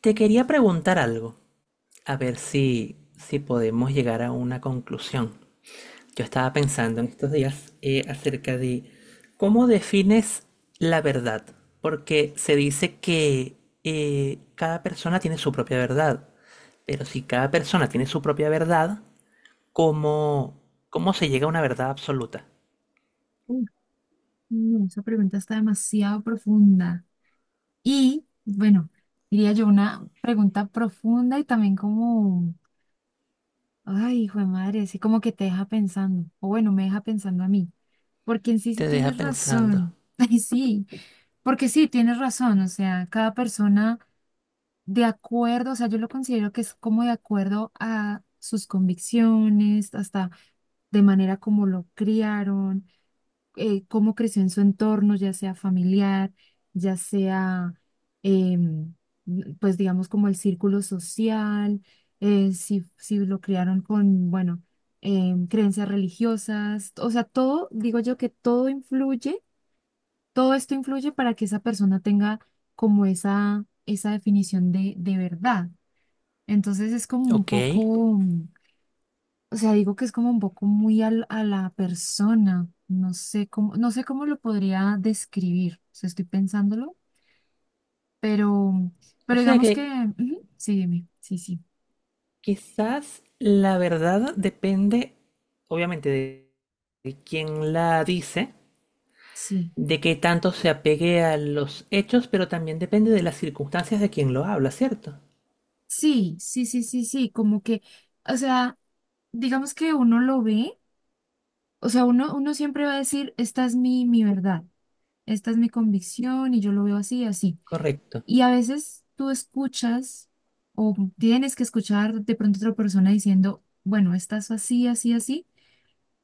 Te quería preguntar algo, a ver si podemos llegar a una conclusión. Yo estaba pensando en estos días acerca de cómo defines la verdad, porque se dice que cada persona tiene su propia verdad, pero si cada persona tiene su propia verdad, ¿cómo, cómo se llega a una verdad absoluta? Uf, no, esa pregunta está demasiado profunda. Y bueno, diría yo una pregunta profunda y también como, ay, hijo de madre, así como que te deja pensando, o bueno, me deja pensando a mí, porque en sí sí Te deja tienes pensando. razón, ay, sí, porque sí tienes razón, o sea, cada persona de acuerdo, o sea, yo lo considero que es como de acuerdo a sus convicciones, hasta de manera como lo criaron. Cómo creció en su entorno, ya sea familiar, ya sea, em, pues digamos, como el círculo social, si lo criaron con, bueno, creencias religiosas, o sea, todo, digo yo que todo influye, todo esto influye para que esa persona tenga como esa definición de verdad. Entonces es como un ¿Ok? poco... O sea, digo que es como un poco muy a la persona. No sé cómo, no sé cómo lo podría describir. O sea, estoy pensándolo, pero, O pero sea digamos que que, ujú, sí, dime, sí, sí, quizás la verdad depende, obviamente, de quién la dice, sí, de qué tanto se apegue a los hechos, pero también depende de las circunstancias de quien lo habla, ¿cierto? sí, sí, sí, sí, sí, como que, o sea, digamos que uno lo ve, o sea, uno, uno siempre va a decir, esta es mi verdad, esta es mi convicción y yo lo veo así, así. Correcto. Y a veces tú escuchas o tienes que escuchar de pronto otra persona diciendo, bueno, estás así, así, así,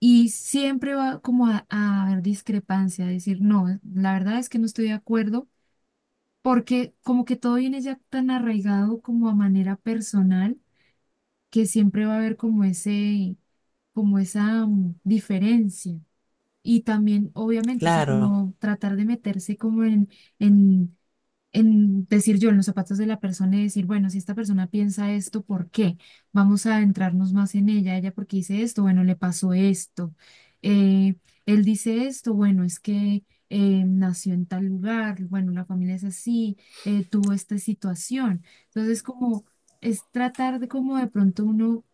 y siempre va como a haber discrepancia, a decir, no, la verdad es que no estoy de acuerdo, porque como que todo viene ya tan arraigado como a manera personal, que siempre va a haber como ese, como esa diferencia. Y también, obviamente, o sea, Claro, como tratar de meterse como en, en decir yo en los zapatos de la persona y decir, bueno, si esta persona piensa esto, ¿por qué? Vamos a adentrarnos más en ella, ella porque dice esto, bueno, le pasó esto, eh, él dice esto, bueno, es que nació en tal lugar, bueno, la familia es así, tuvo esta situación. Entonces, como es tratar de como de pronto uno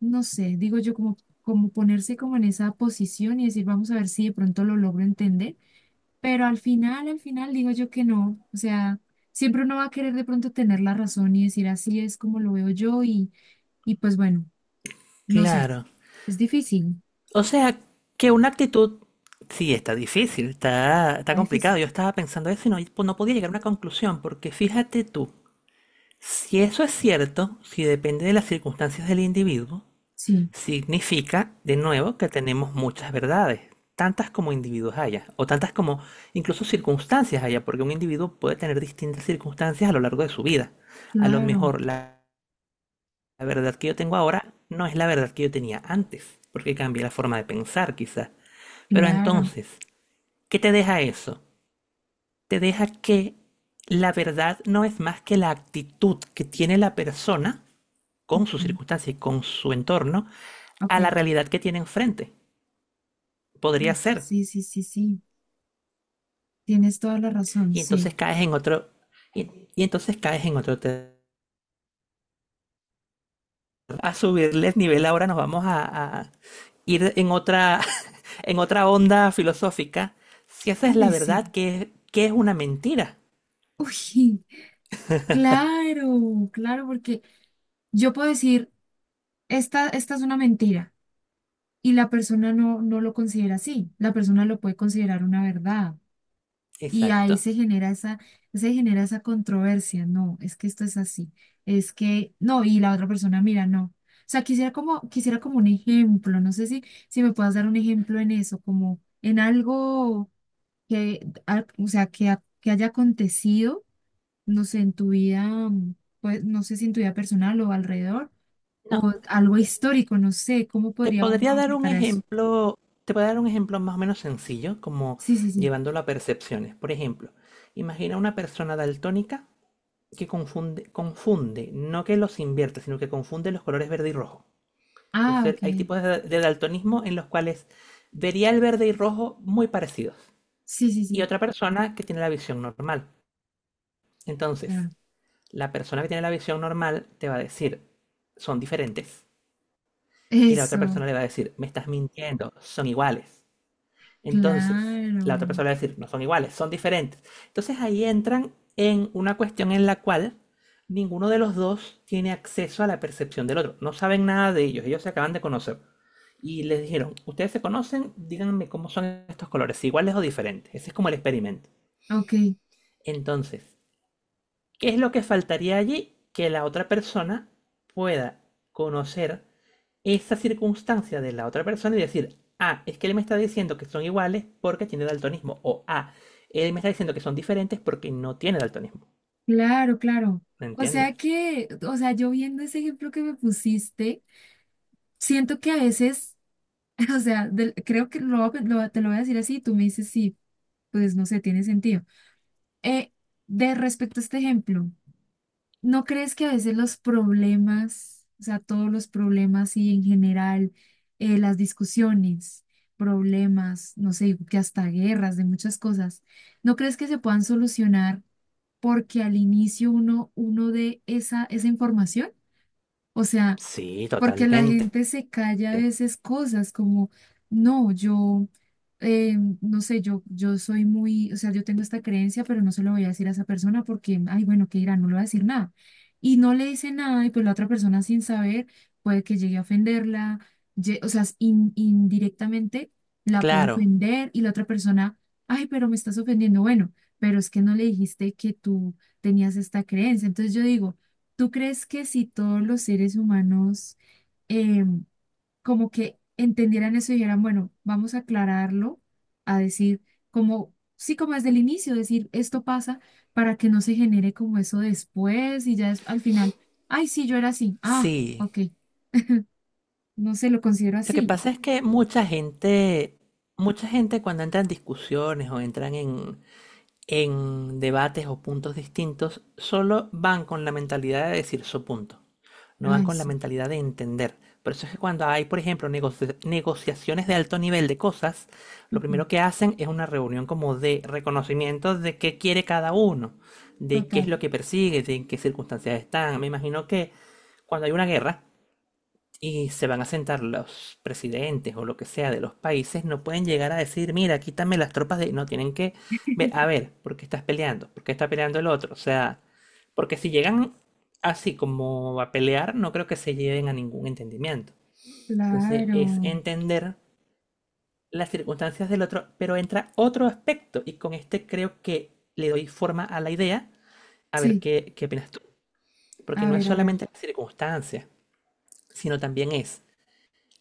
no sé, digo yo como, como ponerse como en esa posición y decir, vamos a ver si de pronto lo logro entender, pero al final digo yo que no, o sea, siempre uno va a querer de pronto tener la razón y decir, así es como lo veo yo y pues bueno, no sé, claro. es difícil, O sea, que una actitud, sí, está difícil, está está complicado. difícil. Yo estaba pensando eso y no podía llegar a una conclusión, porque fíjate tú, si eso es cierto, si depende de las circunstancias del individuo, Sí, significa, de nuevo, que tenemos muchas verdades, tantas como individuos haya, o tantas como incluso circunstancias haya, porque un individuo puede tener distintas circunstancias a lo largo de su vida. A lo claro, mejor la, La verdad que yo tengo ahora no es la verdad que yo tenía antes, porque cambié la forma de pensar quizás. Pero claro. entonces, ¿qué te deja eso? Te deja que la verdad no es más que la actitud que tiene la persona con su Ujú, circunstancia y con su entorno ok, a la realidad que tiene enfrente. Podría uf, ser, sí, sí, sí, sí, tienes toda la razón, y sí. entonces caes en otro, y, y entonces caes en otro terreno. A subirles nivel ahora nos vamos a ir en otra, en otra onda filosófica. Si esa es la Ay, verdad, sí. ¿ qué es una mentira? Uy, claro, claro, porque yo puedo decir... Esta es una mentira y la persona no, no lo considera así, la persona lo puede considerar una verdad y Exacto. ahí se genera esa controversia, no, es que esto es así, es que no, y la otra persona, mira, no. O sea, quisiera como un ejemplo, no sé si, si me puedas dar un ejemplo en eso, como en algo que, o sea, que, que haya acontecido, no sé, en tu vida, mm, pues, no sé si en tu vida personal o alrededor No, o algo histórico, no sé, ¿cómo te podría uno podría dar un aplicar eso? ejemplo, te podría dar un ejemplo más o menos sencillo, como Sí, sí, sí. llevándolo a percepciones. Por ejemplo, imagina una persona daltónica que confunde, no que los invierte, sino que confunde los colores verde y rojo. Es Ah, el- ok. hay tipos de daltonismo en los cuales vería el verde y rojo muy parecidos. Sí, sí, Y sí, otra persona que tiene la visión normal. Entonces, claro. la persona que tiene la visión normal te va a decir, son diferentes. Y la otra Eso, persona le va a decir, me estás mintiendo, son iguales. Entonces, claro. la otra persona le va a decir, no son iguales, son diferentes. Entonces ahí entran en una cuestión en la cual ninguno de los dos tiene acceso a la percepción del otro. No saben nada de ellos, ellos se acaban de conocer. Y les dijeron, ustedes se conocen, díganme cómo son estos colores, si iguales o diferentes. Ese es como el experimento. Ok, Entonces, ¿qué es lo que faltaría allí? Que la otra persona pueda conocer esa circunstancia de la otra persona y decir, ah, es que él me está diciendo que son iguales porque tiene daltonismo. O ah, él me está diciendo que son diferentes porque no tiene daltonismo. claro, claro. ¿Me O entiendes? sea que, o sea, yo viendo ese ejemplo que me pusiste, siento que a veces, o sea, creo que lo, te lo voy a decir así, tú me dices sí, pues no sé, tiene sentido. Eh, de respecto a este ejemplo. ¿No crees que a veces los problemas, o sea, todos los problemas y en general las discusiones, problemas, no sé, que hasta guerras de muchas cosas, ¿no crees que se puedan solucionar porque al inicio uno, uno dé esa, esa información? O sea, Sí, porque la totalmente. gente se calla a veces cosas como, no, yo, no sé, yo soy muy, o sea, yo tengo esta creencia, pero no se lo voy a decir a esa persona porque, ay, bueno, ¿qué dirá? No le voy a decir nada. Y no le dice nada y pues la otra persona sin saber puede que llegue a ofenderla, o sea, indirectamente la puede Claro, ofender y la otra persona, ay, pero me estás ofendiendo, bueno, pero es que no le dijiste que tú tenías esta creencia. Entonces yo digo, ¿tú crees que si todos los seres humanos eh, como que entendieran eso y dijeran, bueno, vamos a aclararlo, a decir, como, sí, como desde el inicio, decir, esto pasa para que no se genere como eso después y ya es, al final, ay, sí, yo era así, ah, sí. ok, no se lo considero Lo que así, pasa es que mucha gente cuando entra en discusiones o entran en debates o puntos distintos, solo van con la mentalidad de decir su punto. No van ay, con la sí, mentalidad de entender. Por eso es que cuando hay, por ejemplo, negoci- negociaciones de alto nivel de cosas, lo ujú, primero que hacen es una reunión como de reconocimiento de qué quiere cada uno, de qué es total, lo que persigue, de en qué circunstancias están. Me imagino que cuando hay una guerra, y se van a sentar los presidentes o lo que sea de los países, no pueden llegar a decir, mira, quítame las tropas de... No, tienen que ver, a ver, ¿por qué estás peleando? ¿Por qué está peleando el otro? O sea, porque si llegan así como a pelear, no creo que se lleven a ningún entendimiento. Entonces es claro, entender las circunstancias del otro, pero entra otro aspecto y con este creo que le doy forma a la idea, a ver sí, qué opinas tú. Porque no es a ver, solamente las circunstancias, sino también es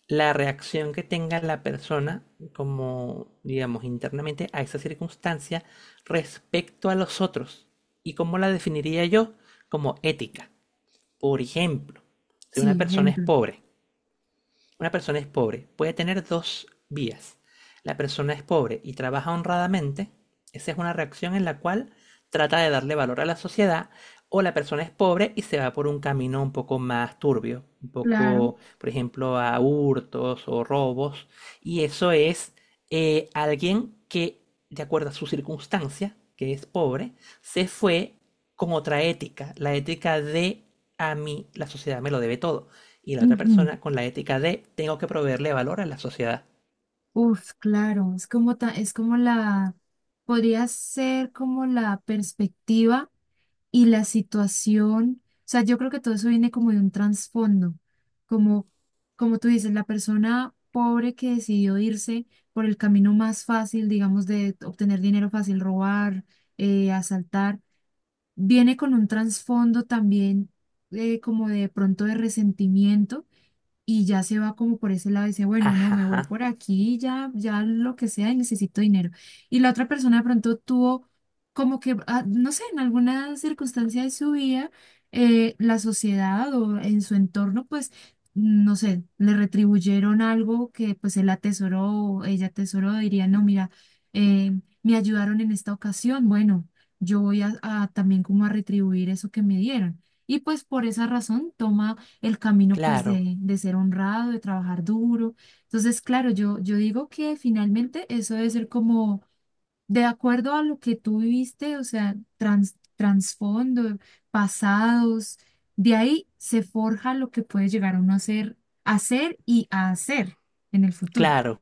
la reacción que tenga la persona, como digamos internamente, a esa circunstancia respecto a los otros. ¿Y cómo la definiría yo? Como ética. Por ejemplo, si una sí, persona es ejemplo, pobre una persona es pobre, puede tener dos vías. La persona es pobre y trabaja honradamente, esa es una reacción en la cual trata de darle valor a la sociedad, o la persona es pobre y se va por un camino un poco más turbio, un claro, poco, por ejemplo, a hurtos o robos, y eso es alguien que, de acuerdo a su circunstancia, que es pobre, se fue con otra ética, la ética de a mí la sociedad me lo debe todo y la otra ujú, persona con la ética de tengo que proveerle valor a la sociedad. uf, claro, es como, es como la, podría ser como la perspectiva y la situación, o sea, yo creo que todo eso viene como de un trasfondo, como, como tú dices, la persona pobre que decidió irse por el camino más fácil, digamos, de obtener dinero fácil, robar, asaltar, viene con un trasfondo también como de pronto de resentimiento y ya se va como por ese lado y dice, bueno, no, me voy Ajá, por aquí, ya, ya lo que sea y necesito dinero. Y la otra persona de pronto tuvo como que, ah, no sé, en alguna circunstancia de su vida, la sociedad o en su entorno, pues, no sé, le retribuyeron algo que pues él atesoró o ella atesoró, diría, no, mira, me ayudaron en esta ocasión, bueno, yo voy a también como a retribuir eso que me dieron. Y pues por esa razón toma el camino pues claro, de ser honrado, de trabajar duro. Entonces, claro, yo digo que finalmente eso debe ser como de acuerdo a lo que tú viviste, o sea, trasfondo, pasados, de ahí se forja lo que puede llegar uno a ser y a hacer en el futuro, claro.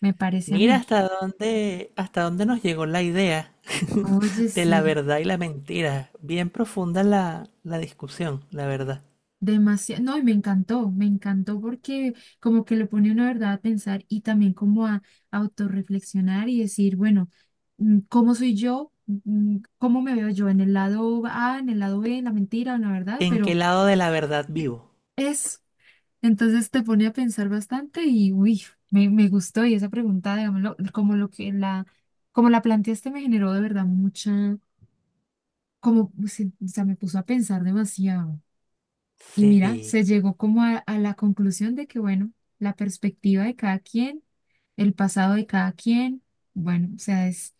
me parece a Mira mí. Hasta dónde nos llegó la idea Oye, de la sí. verdad y la mentira. Bien profunda la discusión, la verdad. Demasiado, no, y me encantó porque como que lo pone una verdad a pensar y también como a autorreflexionar y decir, bueno, ¿cómo soy yo? ¿Cómo me veo yo? ¿En el lado A, en el lado B, en la mentira, en la verdad? ¿En qué Pero lado de la verdad vivo? es, entonces te pone a pensar bastante y uy, me gustó y esa pregunta, digámoslo, como lo que la, como la planteaste me generó de verdad mucha, como, pues, o sea, me puso a pensar demasiado. Y mira, se Sí, llegó como a la conclusión de que, bueno, la perspectiva de cada quien, el pasado de cada quien, bueno, o sea,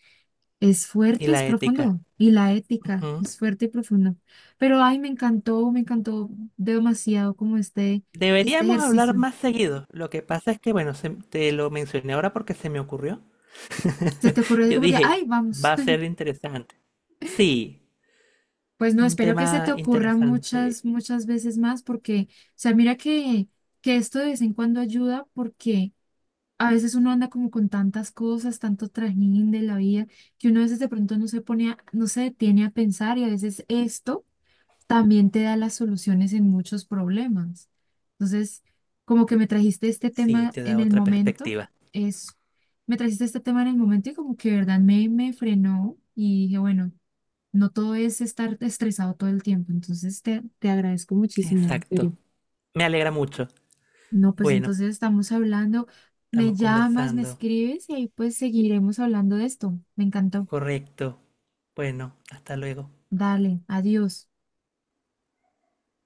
es y fuerte, es la ética. profundo. Y la ética Ujú. es fuerte y profundo. Pero, ay, me encantó demasiado como este Deberíamos hablar ejercicio. más seguido. Lo que pasa es que, bueno, se- te lo mencioné ahora porque se me ocurrió. Se te ocurrió así Yo como que, ay, dije, vamos. va a ser interesante. Sí, Pues no, un espero que tema se te ocurra interesante. muchas, muchas veces más porque, o sea, mira que esto de vez en cuando ayuda porque a veces uno anda como con tantas cosas, tanto trajín de la vida, que uno a veces de pronto no se pone no se detiene a pensar y a veces esto también te da las soluciones en muchos problemas. Entonces, como que me trajiste este Sí, tema te da en el otra momento, perspectiva. es, me trajiste este tema en el momento y como que de verdad me, me frenó y dije, bueno, no todo es estar estresado todo el tiempo. Entonces, te agradezco muchísimo, en Exacto. serio. Me alegra mucho. No, pues Bueno, entonces estamos hablando, me estamos llamas, me conversando. escribes y ahí pues seguiremos hablando de esto. Me encantó. Correcto. Bueno, hasta luego. Dale, adiós.